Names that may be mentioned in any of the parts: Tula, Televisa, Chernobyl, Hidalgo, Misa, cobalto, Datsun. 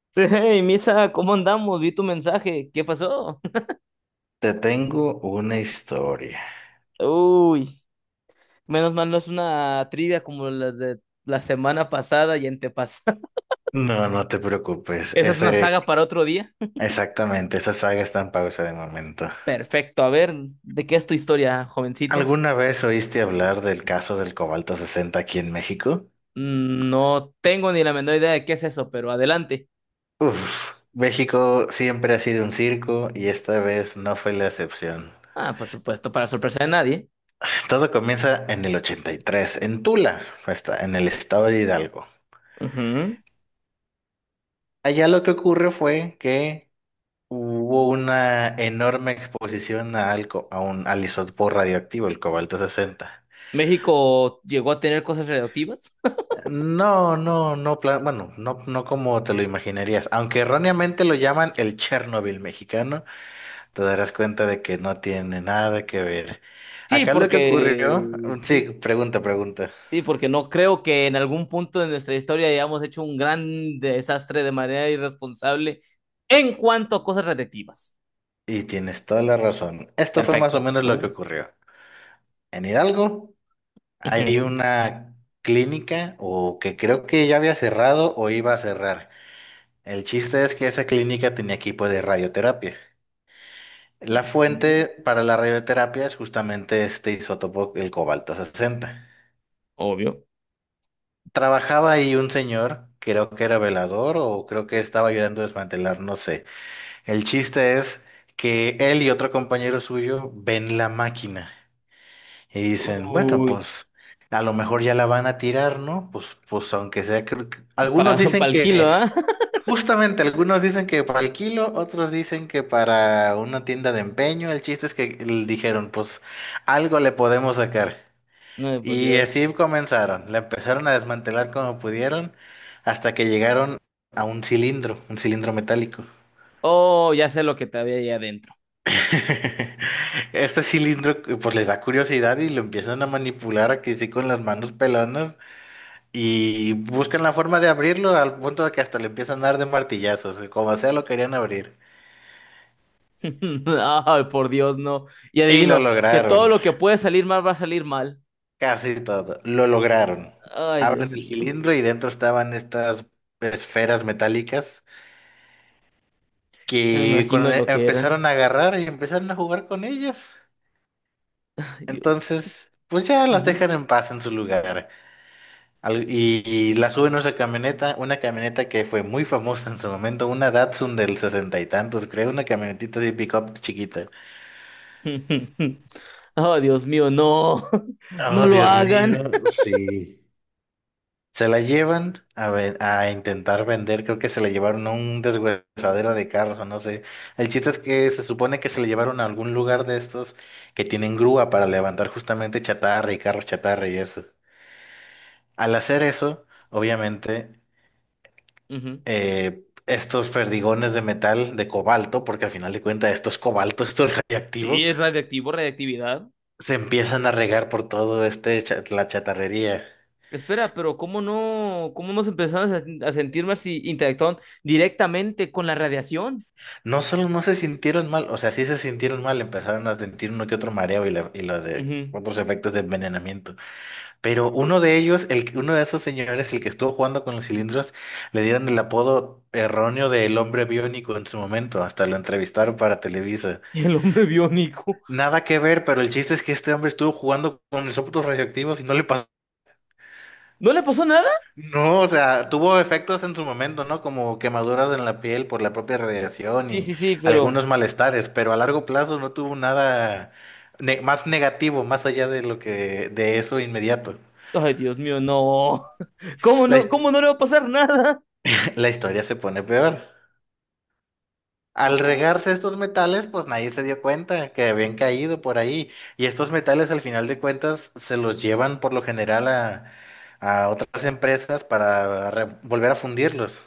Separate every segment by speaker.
Speaker 1: Hey, Misa, ¿cómo andamos? Vi tu mensaje. ¿Qué pasó?
Speaker 2: Te tengo una historia.
Speaker 1: Uy, menos mal no es una trivia como las de la semana pasada y antepasada.
Speaker 2: No, no te preocupes.
Speaker 1: Esa es una saga para otro día.
Speaker 2: Exactamente, esa saga está en pausa de momento.
Speaker 1: Perfecto. A ver, ¿de qué es tu historia, jovencito?
Speaker 2: ¿Alguna vez oíste hablar del caso del cobalto 60 aquí en México?
Speaker 1: Mm, no tengo ni la menor idea de qué es eso, pero adelante.
Speaker 2: Uf, México siempre ha sido un circo y esta vez no fue la excepción.
Speaker 1: Ah, por supuesto, para sorpresa de nadie.
Speaker 2: Todo comienza en el 83 en Tula, está en el estado de Hidalgo.
Speaker 1: Ujú.
Speaker 2: Allá lo que ocurre fue que hubo una enorme exposición a alco- a un al isótopo radioactivo, el cobalto 60.
Speaker 1: ¿México llegó a tener cosas radioactivas?
Speaker 2: No, no, no, bueno, no, no como te lo imaginarías. Aunque erróneamente lo llaman el Chernobyl mexicano, te darás cuenta de que no tiene nada que ver.
Speaker 1: Sí,
Speaker 2: Acá lo que
Speaker 1: porque…
Speaker 2: ocurrió, sí,
Speaker 1: Sí.
Speaker 2: pregunta, pregunta.
Speaker 1: Sí, porque no creo que en algún punto de nuestra historia hayamos hecho un gran desastre de manera irresponsable en cuanto a cosas radiactivas.
Speaker 2: Y tienes toda la razón. Esto fue más o
Speaker 1: Perfecto.
Speaker 2: menos
Speaker 1: A
Speaker 2: lo que
Speaker 1: ver.
Speaker 2: ocurrió. En Hidalgo hay
Speaker 1: Ujú.
Speaker 2: una clínica o que creo que ya había cerrado o iba a cerrar. El chiste es que esa clínica tenía equipo de radioterapia. La
Speaker 1: Ok.
Speaker 2: fuente para la radioterapia es justamente este isótopo, el cobalto 60.
Speaker 1: Obvio.
Speaker 2: Trabajaba ahí un señor, creo que era velador o creo que estaba ayudando a desmantelar, no sé. El chiste es que él y otro compañero suyo ven la máquina y dicen, bueno,
Speaker 1: Uy,
Speaker 2: pues a lo mejor ya la van a tirar, ¿no? Pues, pues aunque sea,
Speaker 1: pa,
Speaker 2: algunos dicen
Speaker 1: pa'l kilo,
Speaker 2: que.
Speaker 1: ¿ah?
Speaker 2: Justamente, algunos dicen que para el kilo, otros dicen que para una tienda de empeño. El chiste es que dijeron, pues algo le podemos sacar.
Speaker 1: No, por
Speaker 2: Y
Speaker 1: Dios.
Speaker 2: así comenzaron. La empezaron a desmantelar como pudieron hasta que llegaron a un cilindro metálico.
Speaker 1: Oh, ya sé lo que te había ahí adentro.
Speaker 2: Este cilindro pues les da curiosidad y lo empiezan a manipular aquí sí con las manos pelonas y buscan la forma de abrirlo al punto de que hasta le empiezan a dar de martillazos, como sea lo querían abrir.
Speaker 1: Ay, por Dios, no. Y
Speaker 2: Y lo
Speaker 1: adivino, que todo
Speaker 2: lograron.
Speaker 1: lo que puede salir mal va a salir mal.
Speaker 2: Casi todo. Lo lograron.
Speaker 1: Ay,
Speaker 2: Abren
Speaker 1: Dios
Speaker 2: el
Speaker 1: mío.
Speaker 2: cilindro y dentro estaban estas esferas metálicas
Speaker 1: Me
Speaker 2: que
Speaker 1: imagino lo que
Speaker 2: empezaron
Speaker 1: eran.
Speaker 2: a agarrar y empezaron a jugar con ellas.
Speaker 1: Ay, Dios.
Speaker 2: Entonces, pues ya las dejan en paz en su lugar. Y las suben a esa camioneta, una camioneta que fue muy famosa en su momento, una Datsun del sesenta y tantos, creo, una camionetita de pick-up chiquita.
Speaker 1: Oh, Dios mío, no, no
Speaker 2: Oh,
Speaker 1: lo
Speaker 2: Dios
Speaker 1: hagan.
Speaker 2: mío, sí. Se la llevan a, a intentar vender, creo que se la llevaron a un deshuesadero de carros o no sé. El chiste es que se supone que se la llevaron a algún lugar de estos que tienen grúa para levantar justamente chatarra y carros chatarra y eso. Al hacer eso, obviamente,
Speaker 1: Ujú.
Speaker 2: estos perdigones de metal, de cobalto, porque al final de cuentas esto es cobalto, esto es
Speaker 1: Sí,
Speaker 2: radiactivo,
Speaker 1: es radiactivo, radiactividad.
Speaker 2: se empiezan a regar por todo la chatarrería.
Speaker 1: Espera, pero ¿cómo no, cómo nos empezamos a sentir más si interactuaban directamente con la radiación?
Speaker 2: No solo no se sintieron mal, o sea, sí se sintieron mal, empezaron a sentir uno que otro mareo y lo de
Speaker 1: Ujú.
Speaker 2: otros efectos de envenenamiento. Pero uno de ellos, uno de esos señores, el que estuvo jugando con los cilindros, le dieron el apodo erróneo de el hombre biónico en su momento, hasta lo entrevistaron para Televisa.
Speaker 1: Y el hombre biónico.
Speaker 2: Nada que ver, pero el chiste es que este hombre estuvo jugando con isótopos radioactivos y no le pasó.
Speaker 1: ¿No le pasó nada?
Speaker 2: No, o sea, tuvo efectos en su momento, ¿no? Como quemaduras en la piel por la propia radiación
Speaker 1: Sí,
Speaker 2: y
Speaker 1: sí, sí, pero…
Speaker 2: algunos malestares, pero a largo plazo no tuvo nada más negativo, más allá de lo que de eso inmediato.
Speaker 1: Ay, Dios mío, no. ¿Cómo
Speaker 2: La,
Speaker 1: no, cómo
Speaker 2: his-
Speaker 1: no le va a pasar nada?
Speaker 2: la historia se pone peor. Al
Speaker 1: Ajá.
Speaker 2: regarse estos metales, pues nadie se dio cuenta que habían caído por ahí. Y estos metales, al final de cuentas, se los llevan por lo general a otras empresas para volver a fundirlos.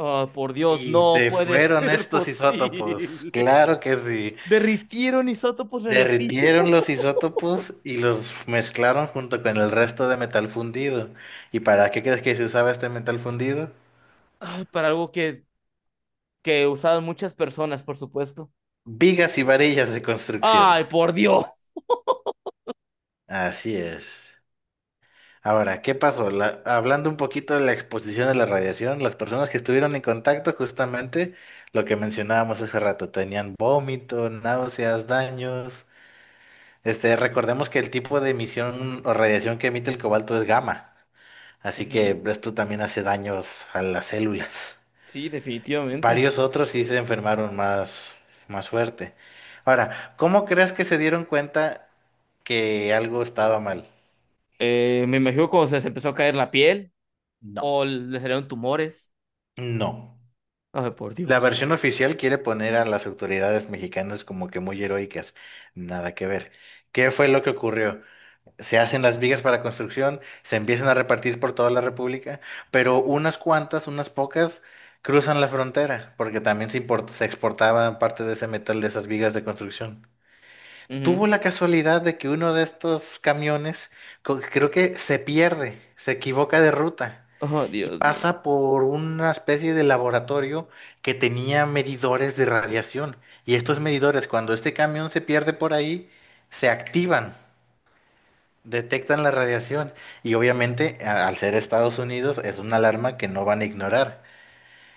Speaker 1: Ah, por Dios,
Speaker 2: Y
Speaker 1: no
Speaker 2: se
Speaker 1: puede
Speaker 2: fueron
Speaker 1: ser
Speaker 2: estos isótopos,
Speaker 1: posible.
Speaker 2: claro que sí.
Speaker 1: Derritieron isótopos
Speaker 2: Derritieron
Speaker 1: radioactivos.
Speaker 2: los isótopos y los mezclaron junto con el resto de metal fundido. ¿Y para qué crees que se usaba este metal fundido?
Speaker 1: Para algo que usaron muchas personas, por supuesto.
Speaker 2: Vigas y varillas de construcción.
Speaker 1: ¡Ay, por Dios!
Speaker 2: Así es. Ahora, ¿qué pasó? Hablando un poquito de la exposición de la radiación, las personas que estuvieron en contacto, justamente lo que mencionábamos hace rato, tenían vómito, náuseas, daños. Este, recordemos que el tipo de emisión o radiación que emite el cobalto es gamma, así
Speaker 1: Ujú.
Speaker 2: que esto también hace daños a las células.
Speaker 1: Sí, definitivamente.
Speaker 2: Varios otros sí se enfermaron más, más fuerte. Ahora, ¿cómo crees que se dieron cuenta que algo estaba mal?
Speaker 1: Me imagino cuando se les empezó a caer la piel
Speaker 2: No.
Speaker 1: o les salieron tumores.
Speaker 2: No.
Speaker 1: Ay, por
Speaker 2: La
Speaker 1: Dios.
Speaker 2: versión oficial quiere poner a las autoridades mexicanas como que muy heroicas. Nada que ver. ¿Qué fue lo que ocurrió? Se hacen las vigas para construcción, se empiezan a repartir por toda la República, pero unas cuantas, unas pocas, cruzan la frontera, porque también se se exportaba parte de ese metal de esas vigas de construcción. Tuvo
Speaker 1: Ujú.
Speaker 2: la casualidad de que uno de estos camiones, creo que se pierde, se equivoca de ruta
Speaker 1: Oh,
Speaker 2: y
Speaker 1: Dios mío.
Speaker 2: pasa por una especie de laboratorio que tenía medidores de radiación. Y estos medidores, cuando este camión se pierde por ahí, se activan. Detectan la radiación y obviamente al ser Estados Unidos es una alarma que no van a ignorar.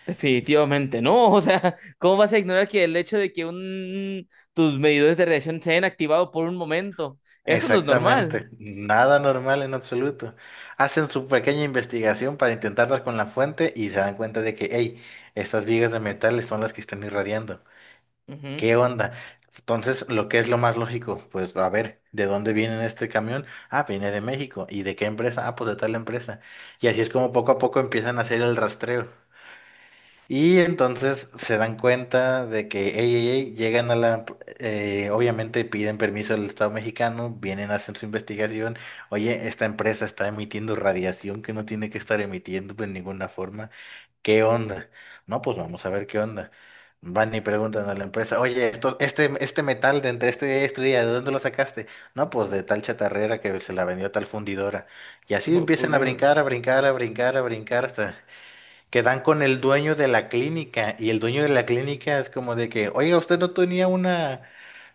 Speaker 1: Definitivamente no, o sea, ¿cómo vas a ignorar que el hecho de que un, tus medidores de radiación se hayan activado por un momento? Eso no es normal.
Speaker 2: Exactamente, nada normal en absoluto. Hacen su pequeña investigación para intentar dar con la fuente y se dan cuenta de que, hey, estas vigas de metales son las que están irradiando.
Speaker 1: Ujú.
Speaker 2: ¿Qué onda? Entonces, lo que es lo más lógico, pues a ver, ¿de dónde viene este camión? Ah, viene de México. ¿Y de qué empresa? Ah, pues de tal empresa. Y así es como poco a poco empiezan a hacer el rastreo. Y entonces se dan cuenta de que, ey, ey, ey, llegan a la, obviamente piden permiso al Estado mexicano, vienen, hacen su investigación, oye, esta empresa está emitiendo radiación que no tiene que estar emitiendo de ninguna forma, ¿qué onda? No, pues vamos a ver qué onda. Van y preguntan a la empresa, oye, esto, este metal de entre este día y este día, ¿de dónde lo sacaste? No, pues de tal chatarrera que se la vendió a tal fundidora. Y así
Speaker 1: No, por
Speaker 2: empiezan a
Speaker 1: Dios.
Speaker 2: brincar, a brincar, a brincar, a brincar hasta... Quedan con el dueño de la clínica y el dueño de la clínica es como de que, oiga, ¿usted no tenía una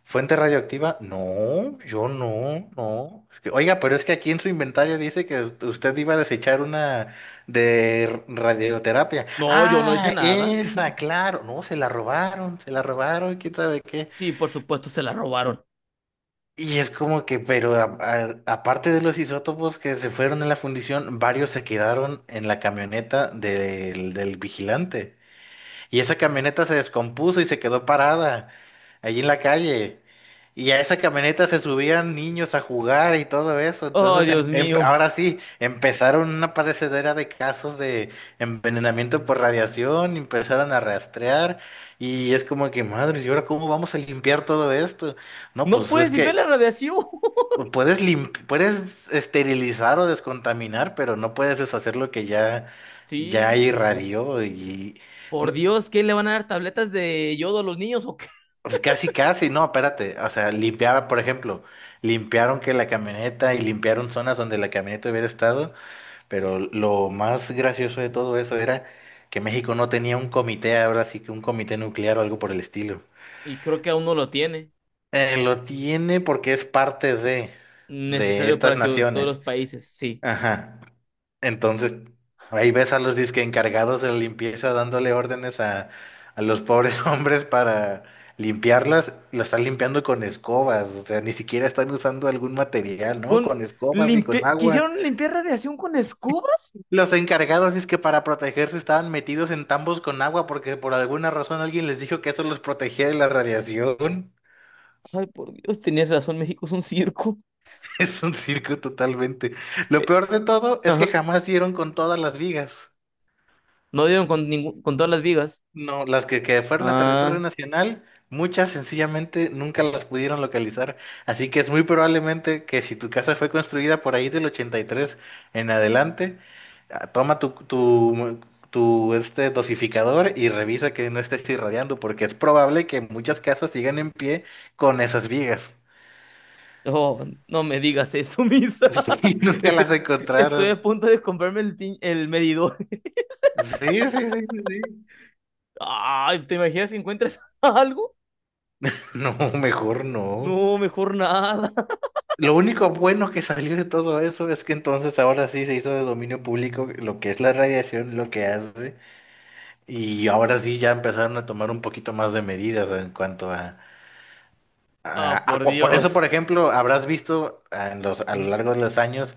Speaker 2: fuente radioactiva? No, yo no, no. Es que, oiga, pero es que aquí en su inventario dice que usted iba a desechar una de radioterapia.
Speaker 1: No, yo no hice
Speaker 2: Ah,
Speaker 1: nada.
Speaker 2: esa, claro. No, se la robaron, quién sabe qué.
Speaker 1: Sí, por supuesto, se la robaron.
Speaker 2: Y es como que, pero aparte de los isótopos que se fueron en la fundición, varios se quedaron en la camioneta del vigilante. Y esa camioneta se descompuso y se quedó parada allí en la calle. Y a esa camioneta se subían niños a jugar y todo eso.
Speaker 1: Oh,
Speaker 2: Entonces,
Speaker 1: Dios mío.
Speaker 2: ahora sí, empezaron una parecedera de casos de envenenamiento por radiación, empezaron a rastrear y es como que, madre, ¿y ahora cómo vamos a limpiar todo esto? No,
Speaker 1: No
Speaker 2: pues es
Speaker 1: puedes limpiar
Speaker 2: que
Speaker 1: la radiación.
Speaker 2: puedes esterilizar o descontaminar, pero no puedes deshacer lo que ya, ya
Speaker 1: Sí,
Speaker 2: irradió y...
Speaker 1: por
Speaker 2: no,
Speaker 1: Dios, ¿qué le van a dar tabletas de yodo a los niños o qué?
Speaker 2: pues casi, casi, no, espérate. O sea, limpiaba, por ejemplo, limpiaron que la camioneta y limpiaron zonas donde la camioneta hubiera estado, pero lo más gracioso de todo eso era que México no tenía un comité, ahora sí que un comité nuclear o algo por el estilo.
Speaker 1: Y creo que aún no lo tiene.
Speaker 2: Lo tiene porque es parte de
Speaker 1: Necesario
Speaker 2: estas
Speaker 1: para que todos los
Speaker 2: naciones.
Speaker 1: países, sí.
Speaker 2: Ajá. Entonces, ahí ves a los disque encargados de la limpieza dándole órdenes a los pobres hombres para limpiarlas, las están limpiando con escobas, o sea, ni siquiera están usando algún material, ¿no?
Speaker 1: Con
Speaker 2: Con escobas y con
Speaker 1: limpi-
Speaker 2: agua.
Speaker 1: ¿quisieron limpiar radiación con escoba?
Speaker 2: Los encargados es que para protegerse estaban metidos en tambos con agua porque por alguna razón alguien les dijo que eso los protegía de la radiación.
Speaker 1: Ay, por Dios, tenías razón, México es un circo.
Speaker 2: Es un circo totalmente. Lo peor de todo es que
Speaker 1: Ajá.
Speaker 2: jamás dieron con todas las vigas.
Speaker 1: No dieron con ningún, con todas las vigas.
Speaker 2: No, las que fueron a territorio
Speaker 1: Ah,
Speaker 2: nacional, muchas sencillamente nunca las pudieron localizar. Así que es muy probablemente que si tu casa fue construida por ahí del 83 en adelante, ah, toma tu, tu, tu este dosificador y revisa que no estés irradiando, porque es probable que muchas casas sigan en pie con esas vigas.
Speaker 1: no, no me digas eso, Misa.
Speaker 2: Y nunca
Speaker 1: Estoy,
Speaker 2: las
Speaker 1: estoy
Speaker 2: encontraron.
Speaker 1: a punto de comprarme el, pin- el medidor.
Speaker 2: Sí, sí, sí, sí, sí.
Speaker 1: Ay, ¿te imaginas si encuentras algo?
Speaker 2: No, mejor no.
Speaker 1: No, mejor nada.
Speaker 2: Lo único bueno que salió de todo eso es que entonces ahora sí se hizo de dominio público lo que es la radiación, lo que hace, y ahora sí ya empezaron a tomar un poquito más de medidas en cuanto a,
Speaker 1: Ah, por
Speaker 2: por eso,
Speaker 1: Dios.
Speaker 2: por ejemplo, habrás visto ah, en los, a lo
Speaker 1: Ujú.
Speaker 2: largo de los años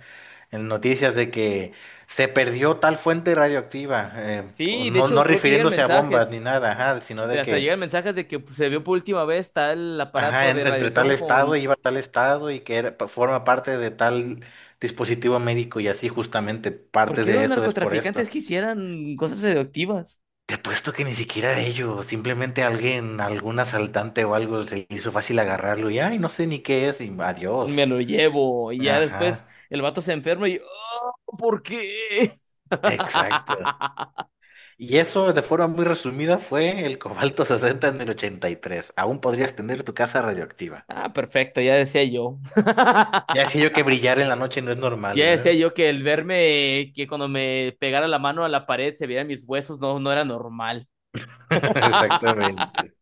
Speaker 2: en noticias de que se perdió tal fuente radioactiva,
Speaker 1: Sí, de
Speaker 2: no,
Speaker 1: hecho,
Speaker 2: no
Speaker 1: creo que llegan
Speaker 2: refiriéndose a bombas ni
Speaker 1: mensajes.
Speaker 2: nada, ajá, sino de
Speaker 1: De- hasta
Speaker 2: que.
Speaker 1: llegan mensajes de que pues, se vio por última vez tal
Speaker 2: Ajá,
Speaker 1: aparato de
Speaker 2: entre tal
Speaker 1: radiación
Speaker 2: estado
Speaker 1: con.
Speaker 2: iba a tal estado y que forma parte de tal dispositivo médico y así justamente
Speaker 1: ¿Por
Speaker 2: parte
Speaker 1: qué
Speaker 2: de
Speaker 1: los
Speaker 2: eso es por esto.
Speaker 1: narcotraficantes quisieran cosas radioactivas?
Speaker 2: Te apuesto que ni siquiera ellos, simplemente alguien, algún asaltante o algo se le hizo fácil agarrarlo y ay, no sé ni qué es y
Speaker 1: Me
Speaker 2: adiós.
Speaker 1: lo llevo. Y ya
Speaker 2: Ajá,
Speaker 1: después el vato se enferma y, oh, ¿por qué?
Speaker 2: exacto. Y eso de forma muy resumida fue el cobalto 60 en el 83. Aún podrías tener tu casa radioactiva.
Speaker 1: Ah, perfecto, ya decía yo.
Speaker 2: Ya sé yo que brillar en la noche no es normal,
Speaker 1: Ya decía
Speaker 2: ¿verdad?
Speaker 1: yo que el verme, que cuando me pegara la mano a la pared se vieran mis huesos, no, no era normal.
Speaker 2: Exactamente.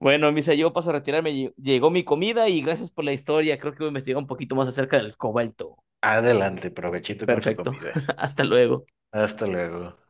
Speaker 1: Bueno, Misa, yo paso a retirarme. Lle- llegó mi comida y gracias por la historia. Creo que voy a investigar un poquito más acerca del cobalto.
Speaker 2: Adelante, provechito con su
Speaker 1: Perfecto.
Speaker 2: comida.
Speaker 1: Hasta luego.
Speaker 2: Hasta luego.